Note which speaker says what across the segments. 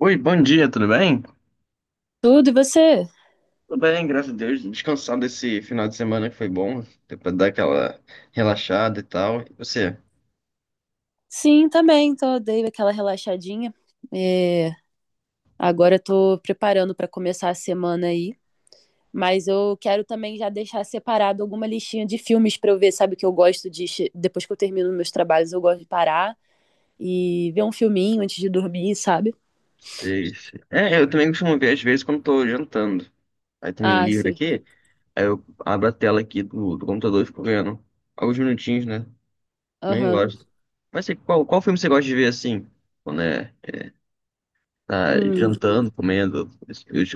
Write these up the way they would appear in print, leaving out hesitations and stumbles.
Speaker 1: Oi, bom dia, tudo bem?
Speaker 2: Tudo, e você?
Speaker 1: Tudo bem, graças a Deus. Descansado desse final de semana que foi bom, deu pra dar aquela relaxada e tal. E você?
Speaker 2: Sim, também. Dei aquela relaxadinha. É, agora eu tô preparando para começar a semana aí. Mas eu quero também já deixar separado alguma listinha de filmes para eu ver, sabe? Que eu gosto de. Depois que eu termino meus trabalhos, eu gosto de parar e ver um filminho antes de dormir, sabe?
Speaker 1: Sei, sei. É, eu também costumo ver às vezes quando tô jantando. Aí também
Speaker 2: Ah,
Speaker 1: livre
Speaker 2: sim.
Speaker 1: aqui, aí eu abro a tela aqui do computador e fico vendo alguns minutinhos, né? Nem
Speaker 2: Aham.
Speaker 1: gosto. Mas assim, qual filme você gosta de ver assim? Quando é, tá
Speaker 2: Hum.
Speaker 1: jantando, comendo,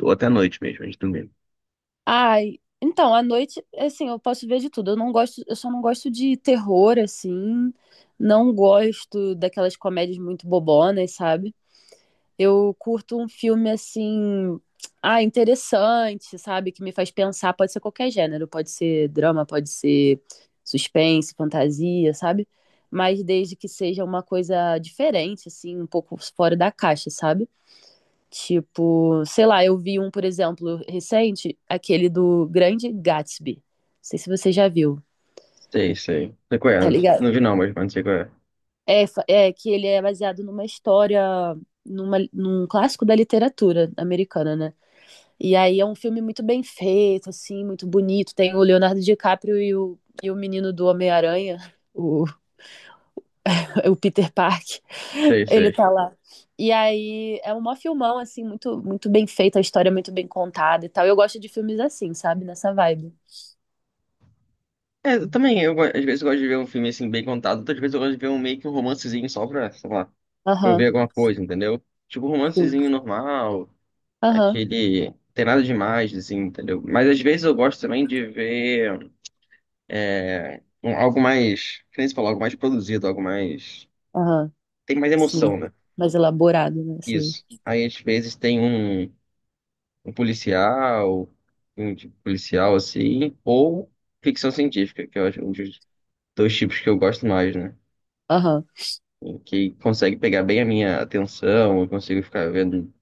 Speaker 1: ou até à noite mesmo, antes de dormir.
Speaker 2: Ai. Então, à noite, assim, eu posso ver de tudo. Eu não gosto, eu só não gosto de terror, assim. Não gosto daquelas comédias muito bobonas, sabe? Eu curto um filme assim, ah, interessante, sabe? Que me faz pensar. Pode ser qualquer gênero, pode ser drama, pode ser suspense, fantasia, sabe? Mas desde que seja uma coisa diferente, assim, um pouco fora da caixa, sabe? Tipo, sei lá, eu vi um, por exemplo, recente, aquele do Grande Gatsby. Não sei se você já viu,
Speaker 1: Sei, sei. Não sei qual
Speaker 2: tá
Speaker 1: é,
Speaker 2: ligado?
Speaker 1: não vi não, mas não sei qual é.
Speaker 2: É, é que ele é baseado numa história, num clássico da literatura americana, né? E aí é um filme muito bem feito, assim, muito bonito. Tem o Leonardo DiCaprio e o menino do Homem-Aranha, o, o Peter Park.
Speaker 1: Sei,
Speaker 2: Ele
Speaker 1: sei.
Speaker 2: tá lá. E aí é um mó filmão, assim, muito, muito bem feito, a história é muito bem contada e tal. Eu gosto de filmes assim, sabe? Nessa vibe.
Speaker 1: É, eu também, às vezes eu gosto de ver um filme assim bem contado, outras vezes eu gosto de ver um meio que um romancezinho só pra, sei lá, pra eu
Speaker 2: Aham,
Speaker 1: ver alguma coisa, entendeu? Tipo, um
Speaker 2: sim.
Speaker 1: romancezinho normal,
Speaker 2: Aham,
Speaker 1: aquele. Tem nada demais, assim, entendeu? Mas às vezes eu gosto também de ver algo mais, que nem você falou, algo mais produzido, algo mais.
Speaker 2: aham,
Speaker 1: Tem mais
Speaker 2: sim.
Speaker 1: emoção, né?
Speaker 2: Mais elaborado, né? Sim.
Speaker 1: Isso. Aí às vezes tem um, um policial, um tipo policial assim, ou ficção científica, que eu acho um dos dois tipos que eu gosto mais, né?
Speaker 2: Aham,
Speaker 1: Que consegue pegar bem a minha atenção, eu consigo ficar vendo,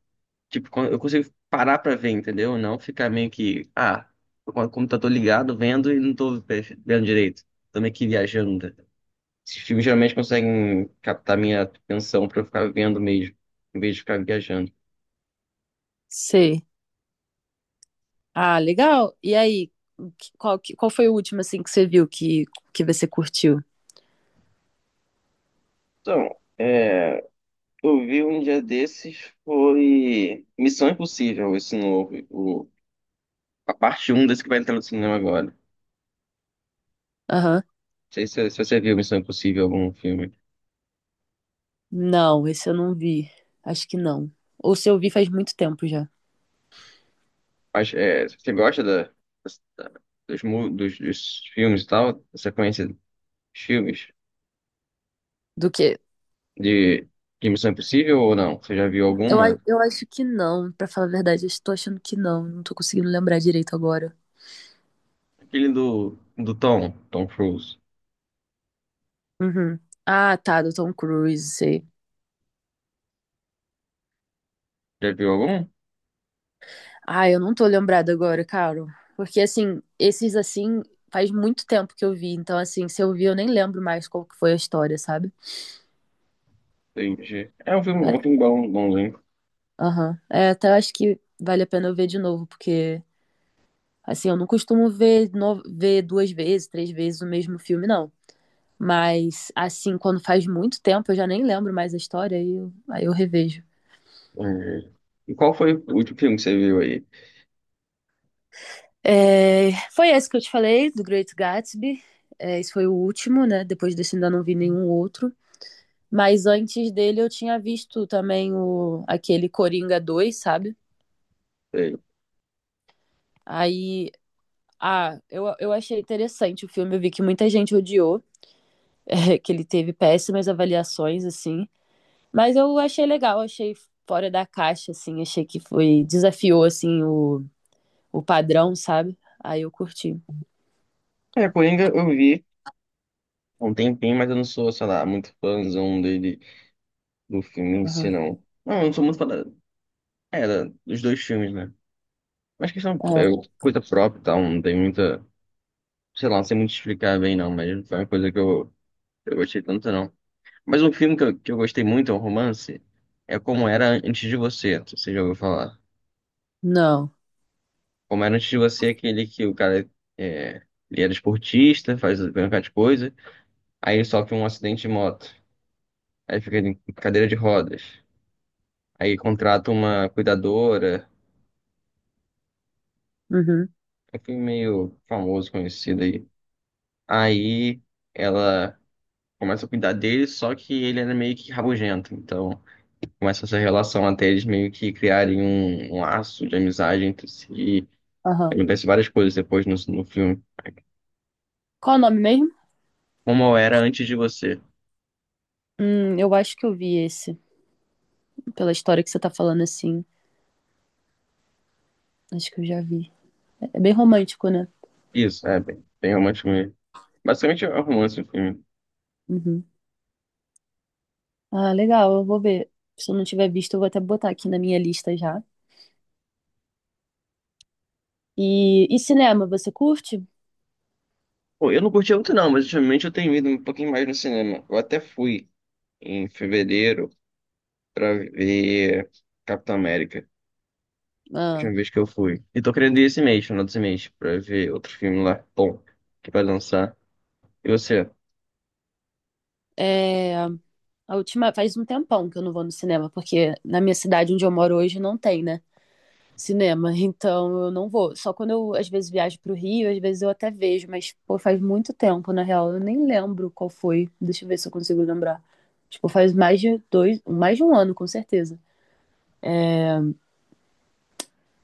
Speaker 1: tipo, eu consigo parar pra ver, entendeu? Não ficar meio que, ah, tô com o computador ligado, vendo e não tô vendo direito. Tô meio que viajando. Esses filmes geralmente conseguem captar minha atenção pra eu ficar vendo mesmo, em vez de ficar viajando.
Speaker 2: sei. Ah, legal. E aí, qual, qual foi o último, assim, que você viu que você curtiu?
Speaker 1: Então, é, eu vi um dia desses foi Missão Impossível, esse novo, o, a parte um desse que vai entrar no cinema agora. Não
Speaker 2: Aham.
Speaker 1: sei se você viu Missão Impossível, algum filme.
Speaker 2: Não, esse eu não vi. Acho que não. Ou se eu vi faz muito tempo já.
Speaker 1: Mas é, você gosta da- dos filmes e tal? Você conhece filmes
Speaker 2: Do que?
Speaker 1: de, de Missão Impossível ou não? Você já viu
Speaker 2: Eu, a-
Speaker 1: alguma?
Speaker 2: eu acho que não, pra falar a verdade. Eu estou achando que não. Não tô conseguindo lembrar direito agora.
Speaker 1: Aquele do Tom Cruise.
Speaker 2: Uhum. Ah, tá, do Tom Cruise, sei.
Speaker 1: Já viu algum?
Speaker 2: Ah, eu não tô lembrada agora, Carol. Porque, assim, esses, assim, faz muito tempo que eu vi. Então, assim, se eu vi, eu nem lembro mais qual que foi a história, sabe?
Speaker 1: Entendi. É
Speaker 2: Eu
Speaker 1: um filme
Speaker 2: até-
Speaker 1: bom, bonzinho.
Speaker 2: Aham. É, até acho que vale a pena eu ver de novo, porque, assim, eu não costumo ver, no... ver duas vezes, três vezes o mesmo filme, não. Mas, assim, quando faz muito tempo, eu já nem lembro mais a história, aí eu revejo.
Speaker 1: Entendi. E qual foi o último filme que você viu aí?
Speaker 2: É, foi esse que eu te falei, do Great Gatsby. É, esse foi o último, né? Depois desse ainda não vi nenhum outro. Mas antes dele eu tinha visto também o, aquele Coringa dois sabe?
Speaker 1: Sei.
Speaker 2: Aí, ah, eu achei interessante o filme. Eu vi que muita gente odiou, que ele teve péssimas avaliações, assim. Mas eu achei legal, achei fora da caixa, assim. Achei que foi, desafiou, assim, o padrão, sabe? Aí eu curti.
Speaker 1: É, Coringa eu vi há um tempinho, mas eu não sou, sei lá, muito fãzão dele, do filme em si,
Speaker 2: Aham.
Speaker 1: não. Não, eu não sou muito fã dos dois filmes, né? Mas questão é
Speaker 2: É.
Speaker 1: coisa própria, e tal, não tem muita, sei lá, não sei muito explicar bem não, mas não foi uma coisa eu gostei tanto não. Mas um filme que eu gostei muito, é um romance, é Como Era Antes de Você, você já ouviu falar.
Speaker 2: Não.
Speaker 1: Como Era Antes de Você é aquele que o cara, é, ele era esportista, faz um bocado de coisa, aí ele sofre um acidente de moto, aí fica em cadeira de rodas, aí contrata uma cuidadora,
Speaker 2: Uhum.
Speaker 1: é um filme meio famoso, conhecido aí. Aí ela começam a cuidar dele, só que ele era meio que rabugento. Então, começa essa relação até eles meio que criarem um laço de amizade entre si. E
Speaker 2: Aham.
Speaker 1: acontece várias coisas depois no filme.
Speaker 2: Qual o nome mesmo?
Speaker 1: Como eu era antes de você.
Speaker 2: Eu acho que eu vi esse. Pela história que você tá falando assim. Acho que eu já vi. É bem romântico, né?
Speaker 1: Isso, é bem, bem romântico mesmo. Basicamente é um romance o filme.
Speaker 2: Uhum. Ah, legal, eu vou ver. Se eu não tiver visto, eu vou até botar aqui na minha lista já. E cinema, você curte?
Speaker 1: Pô, eu não curti muito não, mas ultimamente eu tenho ido um pouquinho mais no cinema. Eu até fui em fevereiro pra ver Capitão América.
Speaker 2: Ah,
Speaker 1: Última vez que eu fui. E tô querendo ir esse mês, final desse mês, pra ver outro filme lá bom que vai lançar. E você?
Speaker 2: é, a última, faz um tempão que eu não vou no cinema, porque na minha cidade onde eu moro hoje não tem, né? Cinema, então eu não vou. Só quando eu às vezes viajo pro Rio, às vezes eu até vejo, mas pô, faz muito tempo, na real, eu nem lembro qual foi. Deixa eu ver se eu consigo lembrar. Tipo, faz mais de dois, mais de um ano, com certeza.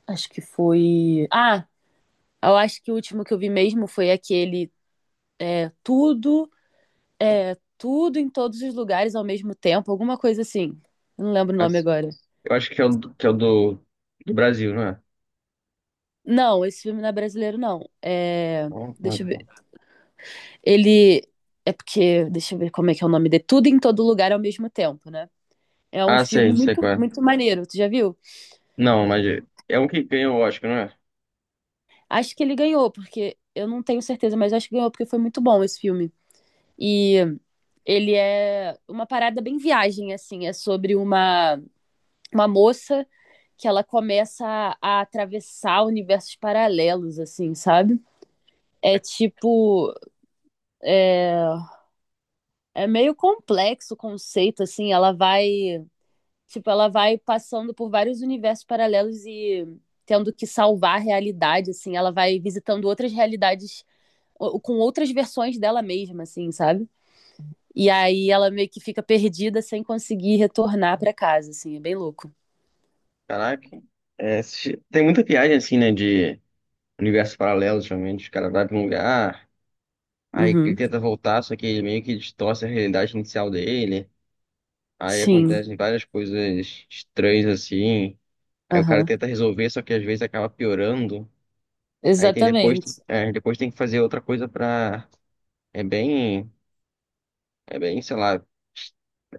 Speaker 2: Acho que foi. Ah, eu acho que o último que eu vi mesmo foi aquele Tudo, Tudo em Todos os Lugares ao mesmo tempo, alguma coisa assim. Eu não lembro o nome
Speaker 1: As-
Speaker 2: agora.
Speaker 1: Eu acho que é que é do Brasil, não é?
Speaker 2: Não, esse filme não é brasileiro, não. É...
Speaker 1: Ah, ah,
Speaker 2: Deixa eu
Speaker 1: tá.
Speaker 2: Ele é porque, deixa eu ver como é que é o nome dele. Tudo em todo lugar ao mesmo tempo, né? É um
Speaker 1: Ah,
Speaker 2: filme
Speaker 1: sei, sei
Speaker 2: muito,
Speaker 1: qual é.
Speaker 2: muito maneiro. Tu já viu?
Speaker 1: Não, mas é um que ganha o Oscar, não é?
Speaker 2: Acho que ele ganhou, porque eu não tenho certeza, mas acho que ganhou porque foi muito bom esse filme. E ele é uma parada bem viagem, assim. É sobre uma moça que ela começa a atravessar universos paralelos, assim, sabe? É tipo. É, é meio complexo o conceito, assim. Ela vai Tipo, ela vai passando por vários universos paralelos e tendo que salvar a realidade, assim. Ela vai visitando outras realidades ou com outras versões dela mesma, assim, sabe? E aí ela meio que fica perdida sem conseguir retornar pra casa, assim. É bem louco.
Speaker 1: Caraca. É, tem muita viagem assim, né? De universos paralelos, geralmente. Os caras vai pra um lugar, aí ele
Speaker 2: Uhum.
Speaker 1: tenta voltar, só que ele meio que distorce a realidade inicial dele. Aí
Speaker 2: Sim.
Speaker 1: acontecem várias coisas estranhas assim. Aí o cara
Speaker 2: Aham.
Speaker 1: tenta resolver, só que às vezes acaba piorando. Aí tem depois,
Speaker 2: Exatamente.
Speaker 1: é, depois tem que fazer outra coisa pra. É bem. É bem, sei lá,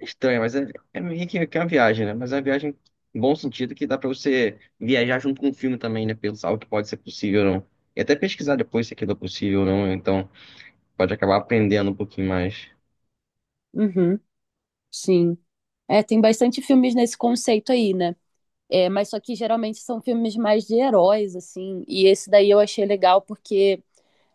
Speaker 1: estranho, mas é, é meio que é uma viagem, né? Mas é uma viagem em bom sentido que dá pra você viajar junto com o filme também, né? Pensar o que pode ser possível ou não. E até pesquisar depois se aquilo é possível ou não, né? Então pode acabar aprendendo um pouquinho mais.
Speaker 2: Uhum. Sim. É, tem bastante filmes nesse conceito aí, né? É, mas só que geralmente são filmes mais de heróis, assim. E esse daí eu achei legal porque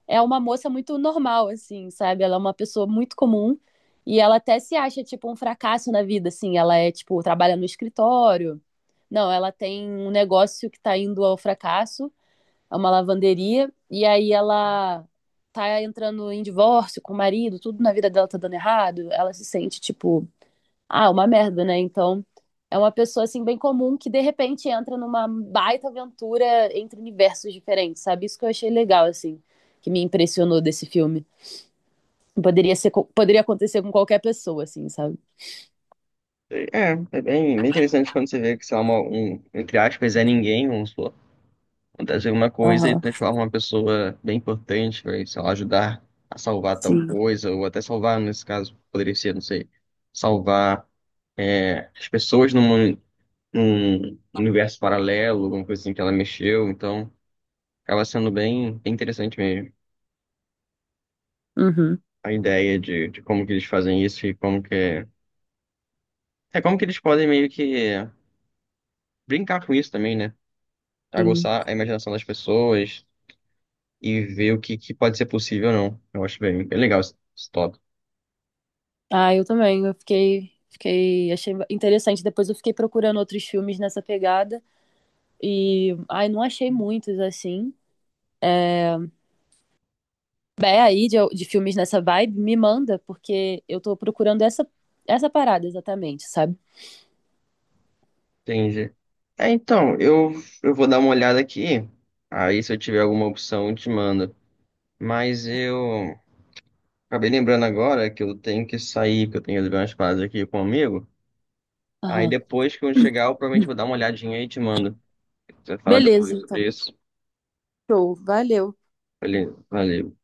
Speaker 2: é uma moça muito normal, assim, sabe? Ela é uma pessoa muito comum e ela até se acha, tipo, um fracasso na vida, assim. Ela é, tipo, trabalha no escritório. Não, ela tem um negócio que tá indo ao fracasso, é uma lavanderia, e aí ela tá entrando em divórcio com o marido, tudo na vida dela tá dando errado. Ela se sente, tipo, ah, é uma merda, né? Então, é uma pessoa assim bem comum que de repente entra numa baita aventura entre universos diferentes, sabe? Isso que eu achei legal assim, que me impressionou desse filme. Poderia ser, poderia acontecer com qualquer pessoa assim, sabe?
Speaker 1: É, é bem, bem interessante quando você vê que, sei lá, uma, um, entre aspas, é ninguém, vamos supor, acontece alguma coisa e
Speaker 2: Aham,
Speaker 1: transforma uma pessoa bem importante, vai, sei lá, ajudar a salvar tal
Speaker 2: sim.
Speaker 1: coisa, ou até salvar, nesse caso, poderia ser, não sei, salvar é, as pessoas no mundo um universo paralelo, alguma coisa assim que ela mexeu, então acaba sendo bem, bem interessante mesmo
Speaker 2: Uhum,
Speaker 1: a ideia de como que eles fazem isso e como que é como que eles podem meio que brincar com isso também, né?
Speaker 2: sim.
Speaker 1: Aguçar a imaginação das pessoas e ver que pode ser possível ou não. Eu acho bem, bem legal esse tópico.
Speaker 2: Ah, eu também, eu fiquei Fiquei, achei interessante. Depois eu fiquei procurando outros filmes nessa pegada e, ai, não achei muitos assim. Souber aí de filmes nessa vibe, me manda, porque eu tô procurando essa parada exatamente, sabe?
Speaker 1: Entendi. É, então, eu vou dar uma olhada aqui. Aí, se eu tiver alguma opção, eu te mando. Mas eu acabei lembrando agora que eu tenho que sair, que eu tenho que levar umas paradas aqui com um amigo. Aí
Speaker 2: Aham.
Speaker 1: depois que eu chegar, eu provavelmente vou dar uma olhadinha e te mando. Você vai falar
Speaker 2: Beleza,
Speaker 1: depois sobre
Speaker 2: então.
Speaker 1: isso.
Speaker 2: Show, valeu.
Speaker 1: Valeu, valeu.